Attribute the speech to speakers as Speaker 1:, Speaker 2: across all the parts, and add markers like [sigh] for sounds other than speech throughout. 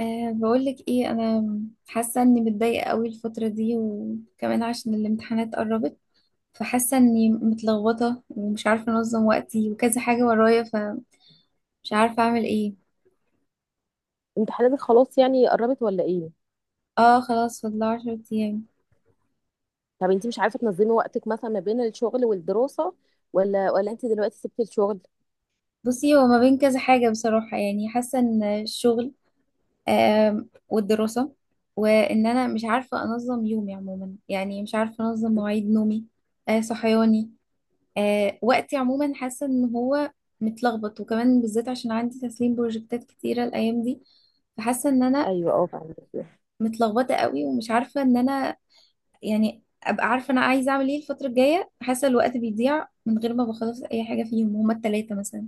Speaker 1: بقولك ايه. انا حاسه اني متضايقه قوي الفتره دي، وكمان عشان الامتحانات قربت، فحاسه اني متلخبطه ومش عارفه انظم وقتي وكذا حاجه ورايا، فمش عارفه اعمل ايه.
Speaker 2: امتحاناتك خلاص، يعني قربت ولا ايه؟
Speaker 1: اه خلاص، فاضل 10 ايام.
Speaker 2: طب انت مش عارفه تنظمي وقتك مثلا ما بين الشغل والدراسه، ولا انت دلوقتي سبتي الشغل؟
Speaker 1: بصي، هو ما بين كذا حاجه بصراحه، يعني حاسه ان الشغل والدراسه، وان انا مش عارفه انظم يومي عموما، يعني مش عارفه انظم مواعيد نومي صحياني وقتي عموما. حاسة ان هو متلخبط، وكمان بالذات عشان عندي تسليم بروجكتات كتيرة الايام دي، فحاسة ان انا
Speaker 2: ايوه اه، فهمت.
Speaker 1: متلخبطة قوي ومش عارفة ان انا يعني ابقى عارفة انا عايزة اعمل ايه الفترة الجاية. حاسة الوقت بيضيع من غير ما بخلص اي حاجة فيهم هما التلاتة مثلا.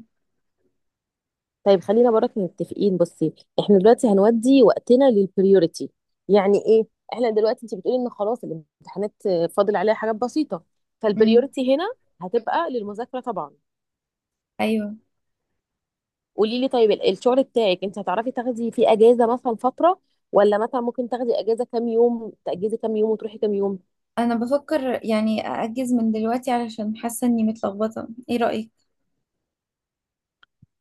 Speaker 2: طيب خلينا برك متفقين، بصي. احنا دلوقتي هنودي وقتنا للبريوريتي. يعني ايه؟ احنا دلوقتي انت بتقولي ان خلاص الامتحانات فاضل عليها حاجات بسيطه،
Speaker 1: امم.
Speaker 2: فالبريوريتي هنا هتبقى للمذاكره طبعا.
Speaker 1: ايوه،
Speaker 2: قولي لي طيب، الشغل بتاعك، انت هتعرفي تاخدي فيه اجازه مثلا فتره، ولا مثلا ممكن تاخدي اجازه، كام يوم تاجزي كام يوم وتروحي كام يوم؟
Speaker 1: انا بفكر يعني ااجز من دلوقتي، علشان حاسة اني متلخبطة. ايه رأيك؟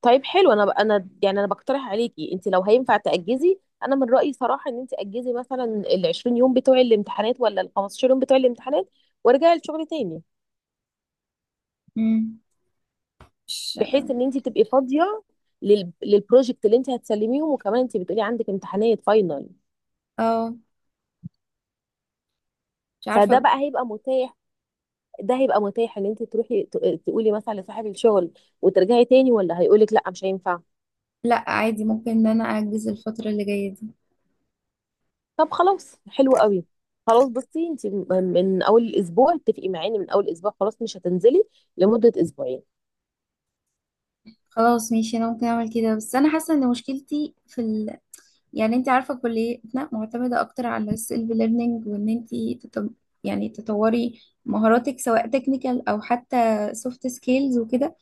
Speaker 2: طيب حلو، انا بقترح عليكي انت لو هينفع تاجزي. انا من رايي صراحه ان انت اجزي مثلا ال 20 يوم بتوع الامتحانات، ولا ال 15 يوم بتوع الامتحانات، وارجعي الشغل تاني،
Speaker 1: امم. مش
Speaker 2: بحيث ان انت تبقي فاضيه للبروجكت اللي انت هتسلميهم. وكمان انت بتقولي عندك امتحانات فاينل،
Speaker 1: اه مش
Speaker 2: فده
Speaker 1: عارفة.
Speaker 2: بقى هيبقى متاح. ده هيبقى متاح ان انت تروحي تقولي مثلا لصاحب الشغل وترجعي تاني، ولا هيقولك لا مش هينفع.
Speaker 1: لا عادي، ممكن ان انا ااجز الفترة اللي جاية دي.
Speaker 2: طب خلاص، حلو قوي. خلاص بصي، انت من اول الاسبوع، اتفقي معانا من اول اسبوع خلاص مش هتنزلي لمده اسبوعين.
Speaker 1: خلاص ماشي، انا ممكن اعمل كده، بس انا حاسه ان مشكلتي في يعني انت عارفه كليتنا معتمده اكتر على السيلف ليرنينج، وان انت تت... يعني تطوري مهاراتك سواء تكنيكال او حتى سوفت سكيلز وكده.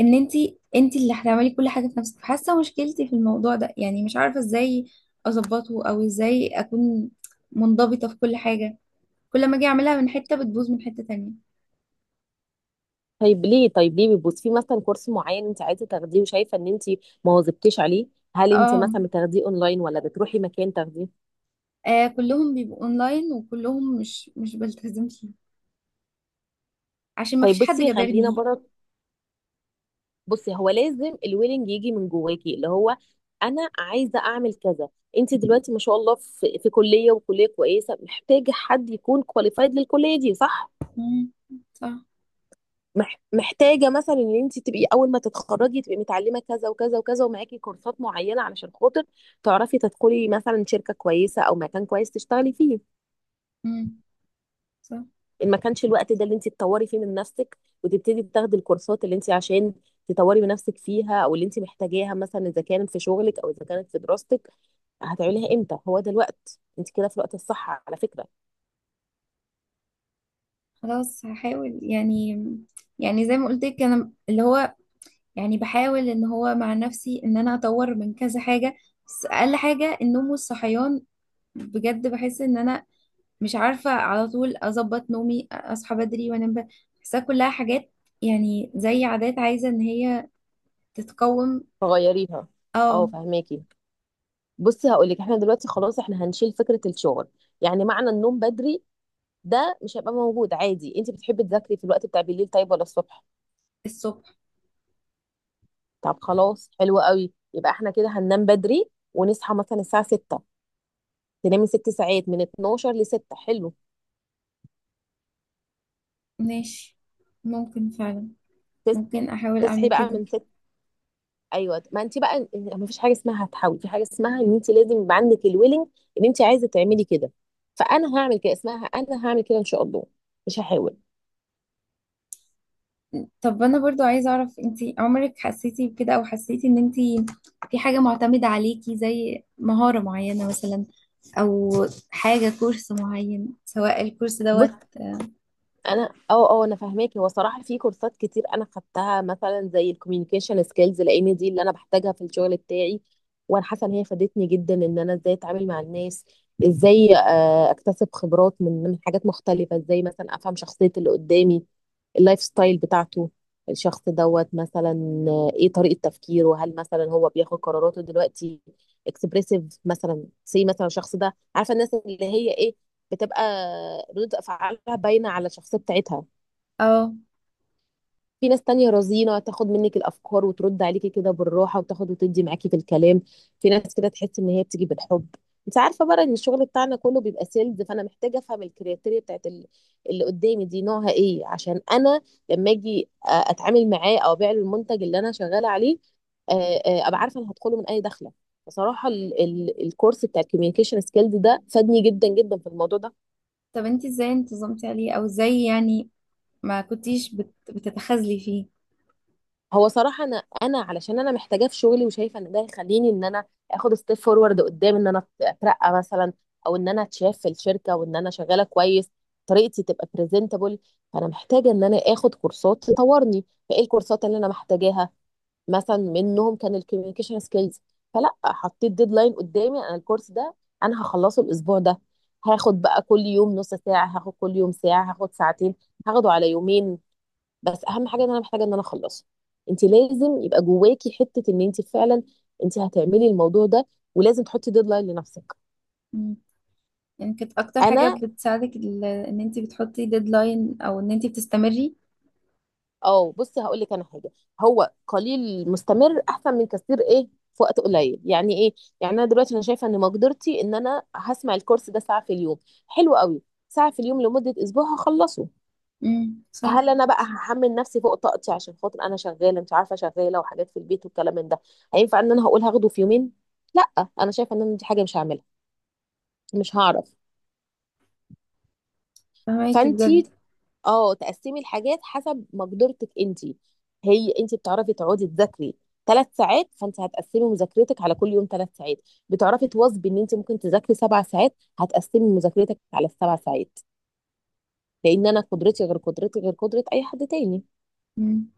Speaker 1: ان انت انت اللي هتعملي كل حاجه في نفسك، فحاسه مشكلتي في الموضوع ده، يعني مش عارفه ازاي اظبطه او ازاي اكون منضبطه في كل حاجه. كل ما اجي اعملها من حته بتبوظ من حته تانية.
Speaker 2: طيب ليه؟ طيب ليه بيبص في مثلا كورس معين انت عايزه تاخديه وشايفه ان انت ما واظبتيش عليه؟ هل انت
Speaker 1: اه.
Speaker 2: مثلا بتاخديه اونلاين، ولا بتروحي مكان تاخديه؟
Speaker 1: آه، كلهم بيبقوا اونلاين، وكلهم مش بلتزم عشان ما
Speaker 2: طيب
Speaker 1: فيش حد
Speaker 2: بصي، خلينا
Speaker 1: جابرني.
Speaker 2: بره. بصي هو لازم الويلنج يجي من جواكي، اللي هو انا عايزه اعمل كذا. انت دلوقتي ما شاء الله في كليه وكليه كويسه، محتاجه حد يكون كواليفايد للكليه دي، صح؟
Speaker 1: مم. صح.
Speaker 2: محتاجه مثلا ان انت تبقي اول ما تتخرجي تبقي متعلمه كذا وكذا وكذا، ومعاكي كورسات معينه علشان خاطر تعرفي تدخلي مثلا شركه كويسه او مكان كويس تشتغلي فيه.
Speaker 1: مم. صح.
Speaker 2: ان ما كانش الوقت ده اللي انت تطوري فيه من نفسك وتبتدي تاخدي الكورسات اللي انت عشان تطوري من نفسك فيها، او اللي انت محتاجاها مثلا اذا كانت في شغلك او اذا كانت في دراستك، هتعمليها امتى؟ هو ده الوقت، انت كده في الوقت الصح على فكره.
Speaker 1: خلاص هحاول يعني، يعني زي ما قلت لك انا اللي هو يعني بحاول ان هو مع نفسي ان انا اطور من كذا حاجة، بس اقل حاجة النوم والصحيان. بجد بحس ان انا مش عارفة على طول اظبط نومي، اصحى بدري وانام بدري. بحسها كلها حاجات يعني زي عادات عايزة ان هي تتقوم.
Speaker 2: فغيريها. اه،
Speaker 1: اه.
Speaker 2: فهماكي. بصي هقول لك، احنا دلوقتي خلاص احنا هنشيل فكره الشغل، يعني معنى النوم بدري ده مش هيبقى موجود عادي. انت بتحبي تذاكري في الوقت بتاع بالليل، طيب، ولا الصبح؟
Speaker 1: الصبح.
Speaker 2: طب خلاص، حلو قوي. يبقى احنا كده هننام بدري ونصحى مثلا الساعه 6، تنامي ست ساعات من 12 ل 6، حلو.
Speaker 1: ماشي، ممكن فعلا،
Speaker 2: تس...
Speaker 1: ممكن احاول
Speaker 2: تصحي
Speaker 1: اعمل
Speaker 2: بقى
Speaker 1: كده.
Speaker 2: من 6. ايوه، ما انت بقى ما فيش حاجه اسمها هتحاول. في حاجه اسمها ان انت لازم يبقى عندك الويلنج ان انت عايزه تعملي كده، فانا هعمل كده. اسمها انا هعمل كده ان شاء الله، مش هحاول.
Speaker 1: طب انا برضو عايزه اعرف، انتي عمرك حسيتي بكده، او حسيتي ان انتي في حاجه معتمده عليكي زي مهاره معينه مثلا، او حاجه كورس معين سواء الكورس
Speaker 2: بص،
Speaker 1: دوت؟
Speaker 2: انا اه اه انا فاهماكي. هو صراحه في كورسات كتير انا خدتها، مثلا زي الكوميونيكيشن سكيلز، لان دي اللي انا بحتاجها في الشغل بتاعي، وانا حاسه ان هي فادتني جدا، ان انا ازاي اتعامل مع الناس، ازاي آه، اكتسب خبرات من حاجات مختلفه، ازاي مثلا افهم شخصيه اللي قدامي، اللايف ستايل بتاعته، الشخص دوت مثلا، آه، ايه طريقه تفكيره، وهل مثلا هو بياخد قراراته دلوقتي اكسبريسيف، مثلا سي مثلا الشخص ده، عارفه الناس اللي هي ايه، بتبقى ردود افعالها باينه على الشخصيه بتاعتها.
Speaker 1: اه.
Speaker 2: في ناس تانية رزينة تاخد منك الافكار وترد عليكي كده بالراحه، وتاخد وتدي معاكي في الكلام. في ناس كده تحس ان هي بتيجي بالحب. انت عارفه بقى ان الشغل بتاعنا كله بيبقى سيلز، فانا محتاجه افهم الكرياتيريا بتاعت اللي قدامي دي نوعها ايه، عشان انا لما اجي اتعامل معاه او ابيع له المنتج اللي انا شغاله عليه، آه، آه، ابقى عارفه انا هدخله من اي دخله. بصراحه الكورس بتاع الكوميونيكيشن سكيلز ده فادني جدا جدا في الموضوع ده.
Speaker 1: طب انتي ازاي انتظمتي عليه؟ او ازاي يعني ما كنتيش بتتخاذلي فيه؟
Speaker 2: هو صراحة، أنا علشان أنا محتاجاه في شغلي، وشايفة إن ده يخليني إن أنا آخد ستيب فورورد قدام، إن أنا أترقى مثلا، أو إن أنا أتشاف في الشركة وإن أنا شغالة كويس، طريقتي تبقى بريزنتابل. فأنا محتاجة إن أنا آخد كورسات تطورني، فإيه الكورسات اللي أنا محتاجاها؟ مثلا منهم كان الكوميونيكيشن سكيلز، فلا حطيت ديدلاين قدامي، أنا الكورس ده أنا هخلصه الأسبوع ده. هاخد بقى كل يوم نص ساعة، هاخد كل يوم ساعة، هاخد ساعتين، هاخده على يومين، بس اهم حاجه ان انا محتاجه ان انا اخلصه. انت لازم يبقى جواكي حته ان انت فعلا انت هتعملي الموضوع ده، ولازم تحطي ديدلاين لنفسك.
Speaker 1: مم. يعني كانت اكتر حاجه
Speaker 2: انا
Speaker 1: بتساعدك ان انتي بتحطي ديدلاين، او ان انتي بتستمري؟
Speaker 2: اه، بصي هقول لك انا حاجه، هو قليل مستمر احسن من كثير ايه في وقت قليل. يعني ايه؟ يعني انا دلوقتي انا شايفه ان مقدرتي ان انا هسمع الكورس ده ساعه في اليوم، حلو قوي، ساعه في اليوم لمده اسبوع هخلصه.
Speaker 1: امم، صح.
Speaker 2: هل انا بقى هحمل نفسي فوق طاقتي عشان خاطر انا شغاله، مش عارفه شغاله وحاجات في البيت والكلام من ده، هينفع ان انا هقول هاخده في يومين؟ لا، انا شايفه ان انا دي حاجه مش هعملها، مش هعرف.
Speaker 1: فهماكي بجد.
Speaker 2: فانتي اه، تقسمي الحاجات حسب مقدرتك انتي. هي انتي بتعرفي تقعدي تذاكري ثلاث ساعات، فانت هتقسمي مذاكرتك على كل يوم ثلاث ساعات. بتعرفي تواظبي ان انت ممكن تذاكري سبع ساعات، هتقسمي مذاكرتك على السبع ساعات، لان انا قدرتي غير، قدرتي غير قدره اي حد تاني.
Speaker 1: امم،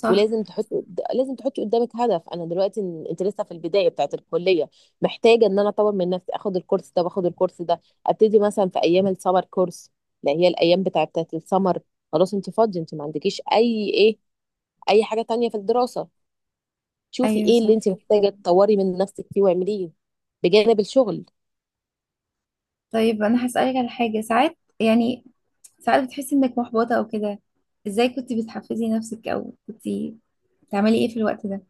Speaker 1: صح.
Speaker 2: ولازم تحط لازم تحطي قدامك هدف. انا دلوقتي انت لسه في البدايه بتاعت الكليه، محتاجه ان انا اطور من نفسي، اخد الكورس ده واخد الكورس ده، ابتدي مثلا في ايام السمر كورس، اللي هي الايام بتاعت السمر. خلاص انت فاضيه، انت ما عندكيش اي ايه، اي حاجه تانية في الدراسه. شوفي
Speaker 1: ايوه
Speaker 2: ايه اللي
Speaker 1: صح.
Speaker 2: انت محتاجه تطوري من نفسك فيه واعمليه بجانب الشغل.
Speaker 1: طيب انا هسألك على حاجه. ساعات يعني، ساعات بتحسي انك محبطة او كده، ازاي كنت بتحفزي نفسك، او كنت بتعملي ايه في الوقت ده؟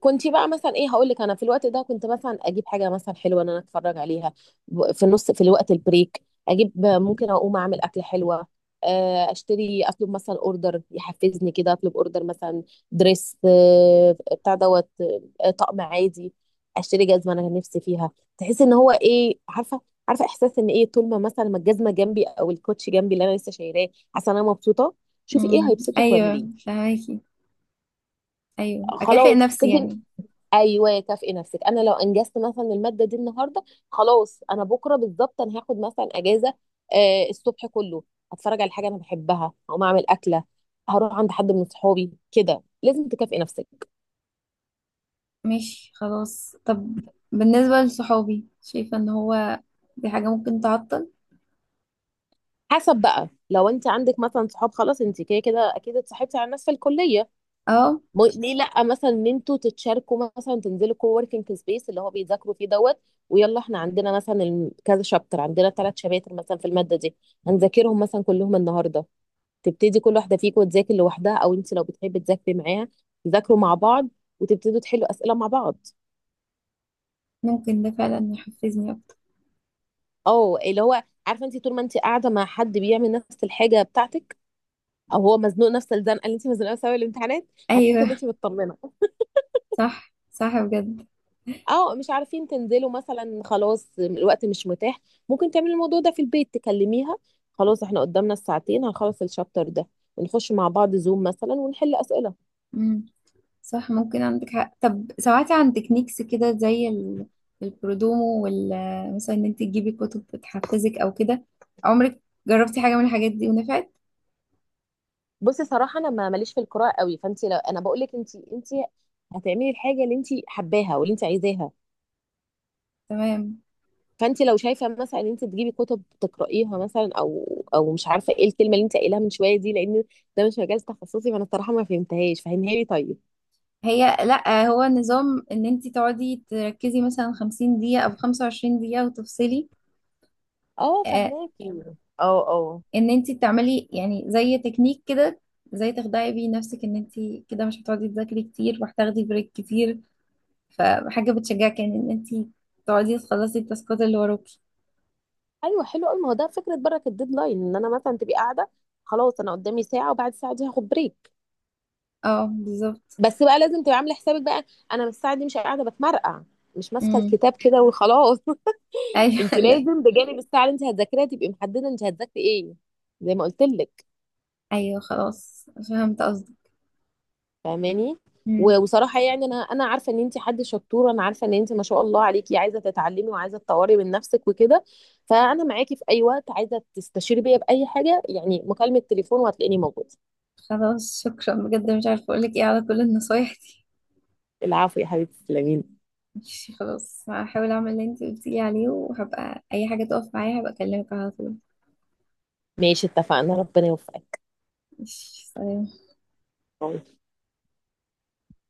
Speaker 2: كنت بقى مثلا ايه هقول لك، انا في الوقت ده كنت مثلا اجيب حاجه مثلا حلوه ان انا اتفرج عليها، في النص في الوقت البريك اجيب، ممكن اقوم اعمل اكل حلوه، آه، اشتري اطلب مثلا اوردر يحفزني كده، اطلب اوردر مثلا دريس، آه، بتاع دوت، آه، طقم عادي، اشتري جزمه انا نفسي فيها، تحس ان هو ايه، عارفه، عارفه احساس ان ايه، طول ما مثلا ما الجزمه جنبي او الكوتش جنبي اللي انا لسه شايراه، حاسه ان انا مبسوطه. شوفي ايه
Speaker 1: امم،
Speaker 2: هيبسطك
Speaker 1: ايوه
Speaker 2: واعمليه.
Speaker 1: فهماكي. ايوه، اكافئ
Speaker 2: خلاص
Speaker 1: نفسي
Speaker 2: تدي،
Speaker 1: يعني.
Speaker 2: ايوه كافئي نفسك. انا لو انجزت مثلا الماده دي النهارده، خلاص انا بكره بالظبط انا هاخد مثلا اجازه، آه الصبح كله هتفرج على حاجه انا بحبها، هقوم اعمل اكله، هروح عند حد من صحابي كده. لازم تكافئي نفسك.
Speaker 1: ماشي خلاص. طب بالنسبة لصحابي، شايفة ان هو دي حاجة ممكن تعطل؟
Speaker 2: حسب بقى، لو انت عندك مثلا صحاب، خلاص انت كده كده اكيد اتصاحبتي على الناس في الكليه،
Speaker 1: اه،
Speaker 2: ليه لا مثلا ان انتوا تتشاركوا، مثلا تنزلوا كو وركينج سبيس اللي هو بيذاكروا فيه دوت، ويلا احنا عندنا مثلا كذا شابتر، عندنا ثلاث شباتر مثلا في الماده دي، هنذاكرهم مثلا كلهم النهارده. تبتدي كل واحده فيكم تذاكر لوحدها، او انت لو بتحبي تذاكري معاها تذاكروا مع بعض، وتبتدوا تحلوا اسئله مع بعض.
Speaker 1: ممكن ده فعلا يحفزني اكتر.
Speaker 2: او اللي هو عارفه، انت طول ما انت قاعده مع حد بيعمل نفس الحاجه بتاعتك، او هو مزنوق نفس الزنقه اللي انت مزنوقه، سوا الامتحانات، هتحسي ان
Speaker 1: ايوه،
Speaker 2: انت مطمنه.
Speaker 1: صح صح بجد.
Speaker 2: او مش عارفين تنزلوا مثلا، خلاص الوقت مش متاح، ممكن تعملي الموضوع ده في البيت، تكلميها خلاص احنا قدامنا الساعتين هنخلص الشابتر ده، ونخش مع بعض زوم مثلا ونحل اسئله.
Speaker 1: مم. صح، ممكن عندك حق. طب سمعتي عن تكنيكس كده زي البرودومو وال مثلا، ان انت تجيبي كتب بتحفزك او كده؟ عمرك جربتي حاجة من الحاجات دي ونفعت؟
Speaker 2: بصي صراحه انا ما ماليش في القراءه قوي، فانت لو انا بقول لك انت هتعملي الحاجه اللي انت حباها واللي انت عايزاها.
Speaker 1: تمام.
Speaker 2: فانت لو شايفه مثلا ان انت تجيبي كتب تقرايها مثلا، او مش عارفه ايه الكلمه اللي انت قايلها من شويه دي، لان ده مش مجال تخصصي فانا الصراحه ما فهمتهاش، فهميها لي طيب.
Speaker 1: هي لا، هو نظام ان انت تقعدي تركزي مثلا 50 دقيقة او 25 دقيقة وتفصلي.
Speaker 2: اه،
Speaker 1: آه،
Speaker 2: فهماكي. اه،
Speaker 1: ان انت تعملي يعني زي تكنيك كده، زي تخدعي بيه نفسك ان انت كده مش هتقعدي تذاكري كتير وهتاخدي بريك كتير، فحاجة بتشجعك يعني ان انت تقعدي تخلصي التاسكات اللي وراكي.
Speaker 2: ايوه حلو قوي، ما هو ده فكره برك الديدلاين، ان انا مثلا تبقي قاعده خلاص انا قدامي ساعه وبعد الساعه دي هاخد بريك.
Speaker 1: اه بالظبط.
Speaker 2: بس بقى لازم تبقي عامله حسابك بقى، انا الساعه دي مش قاعده بتمرقع، مش ماسكه
Speaker 1: امم،
Speaker 2: الكتاب كده وخلاص. انت
Speaker 1: ايوه. [laughs] لا.
Speaker 2: لازم بجانب الساعه اللي انت هتذاكريها تبقي محدده انت هتذاكري ايه، زي ما قلت لك.
Speaker 1: ايوه، خلاص فهمت قصدي.
Speaker 2: فاهماني.
Speaker 1: امم.
Speaker 2: و- وصراحه يعني انا عارفه ان انت حد شطوره، انا عارفه ان انت ما شاء الله عليكي عايزه تتعلمي وعايزه تطوري من نفسك وكده، فانا معاكي في اي وقت، عايزه تستشيري بيا باي حاجه يعني، مكالمه تليفون وهتلاقيني موجوده.
Speaker 1: خلاص، شكرا بجد، مش عارفه اقول لك ايه على كل النصايح دي.
Speaker 2: العفو يا حبيبتي، تسلميلي.
Speaker 1: [laughs] ماشي خلاص، هحاول اعمل اللي انت قلتي لي عليه، وهبقى اي حاجه تقف معايا هبقى اكلمك على طول.
Speaker 2: ماشي، اتفقنا، ربنا يوفقك.
Speaker 1: ماشي، سلام.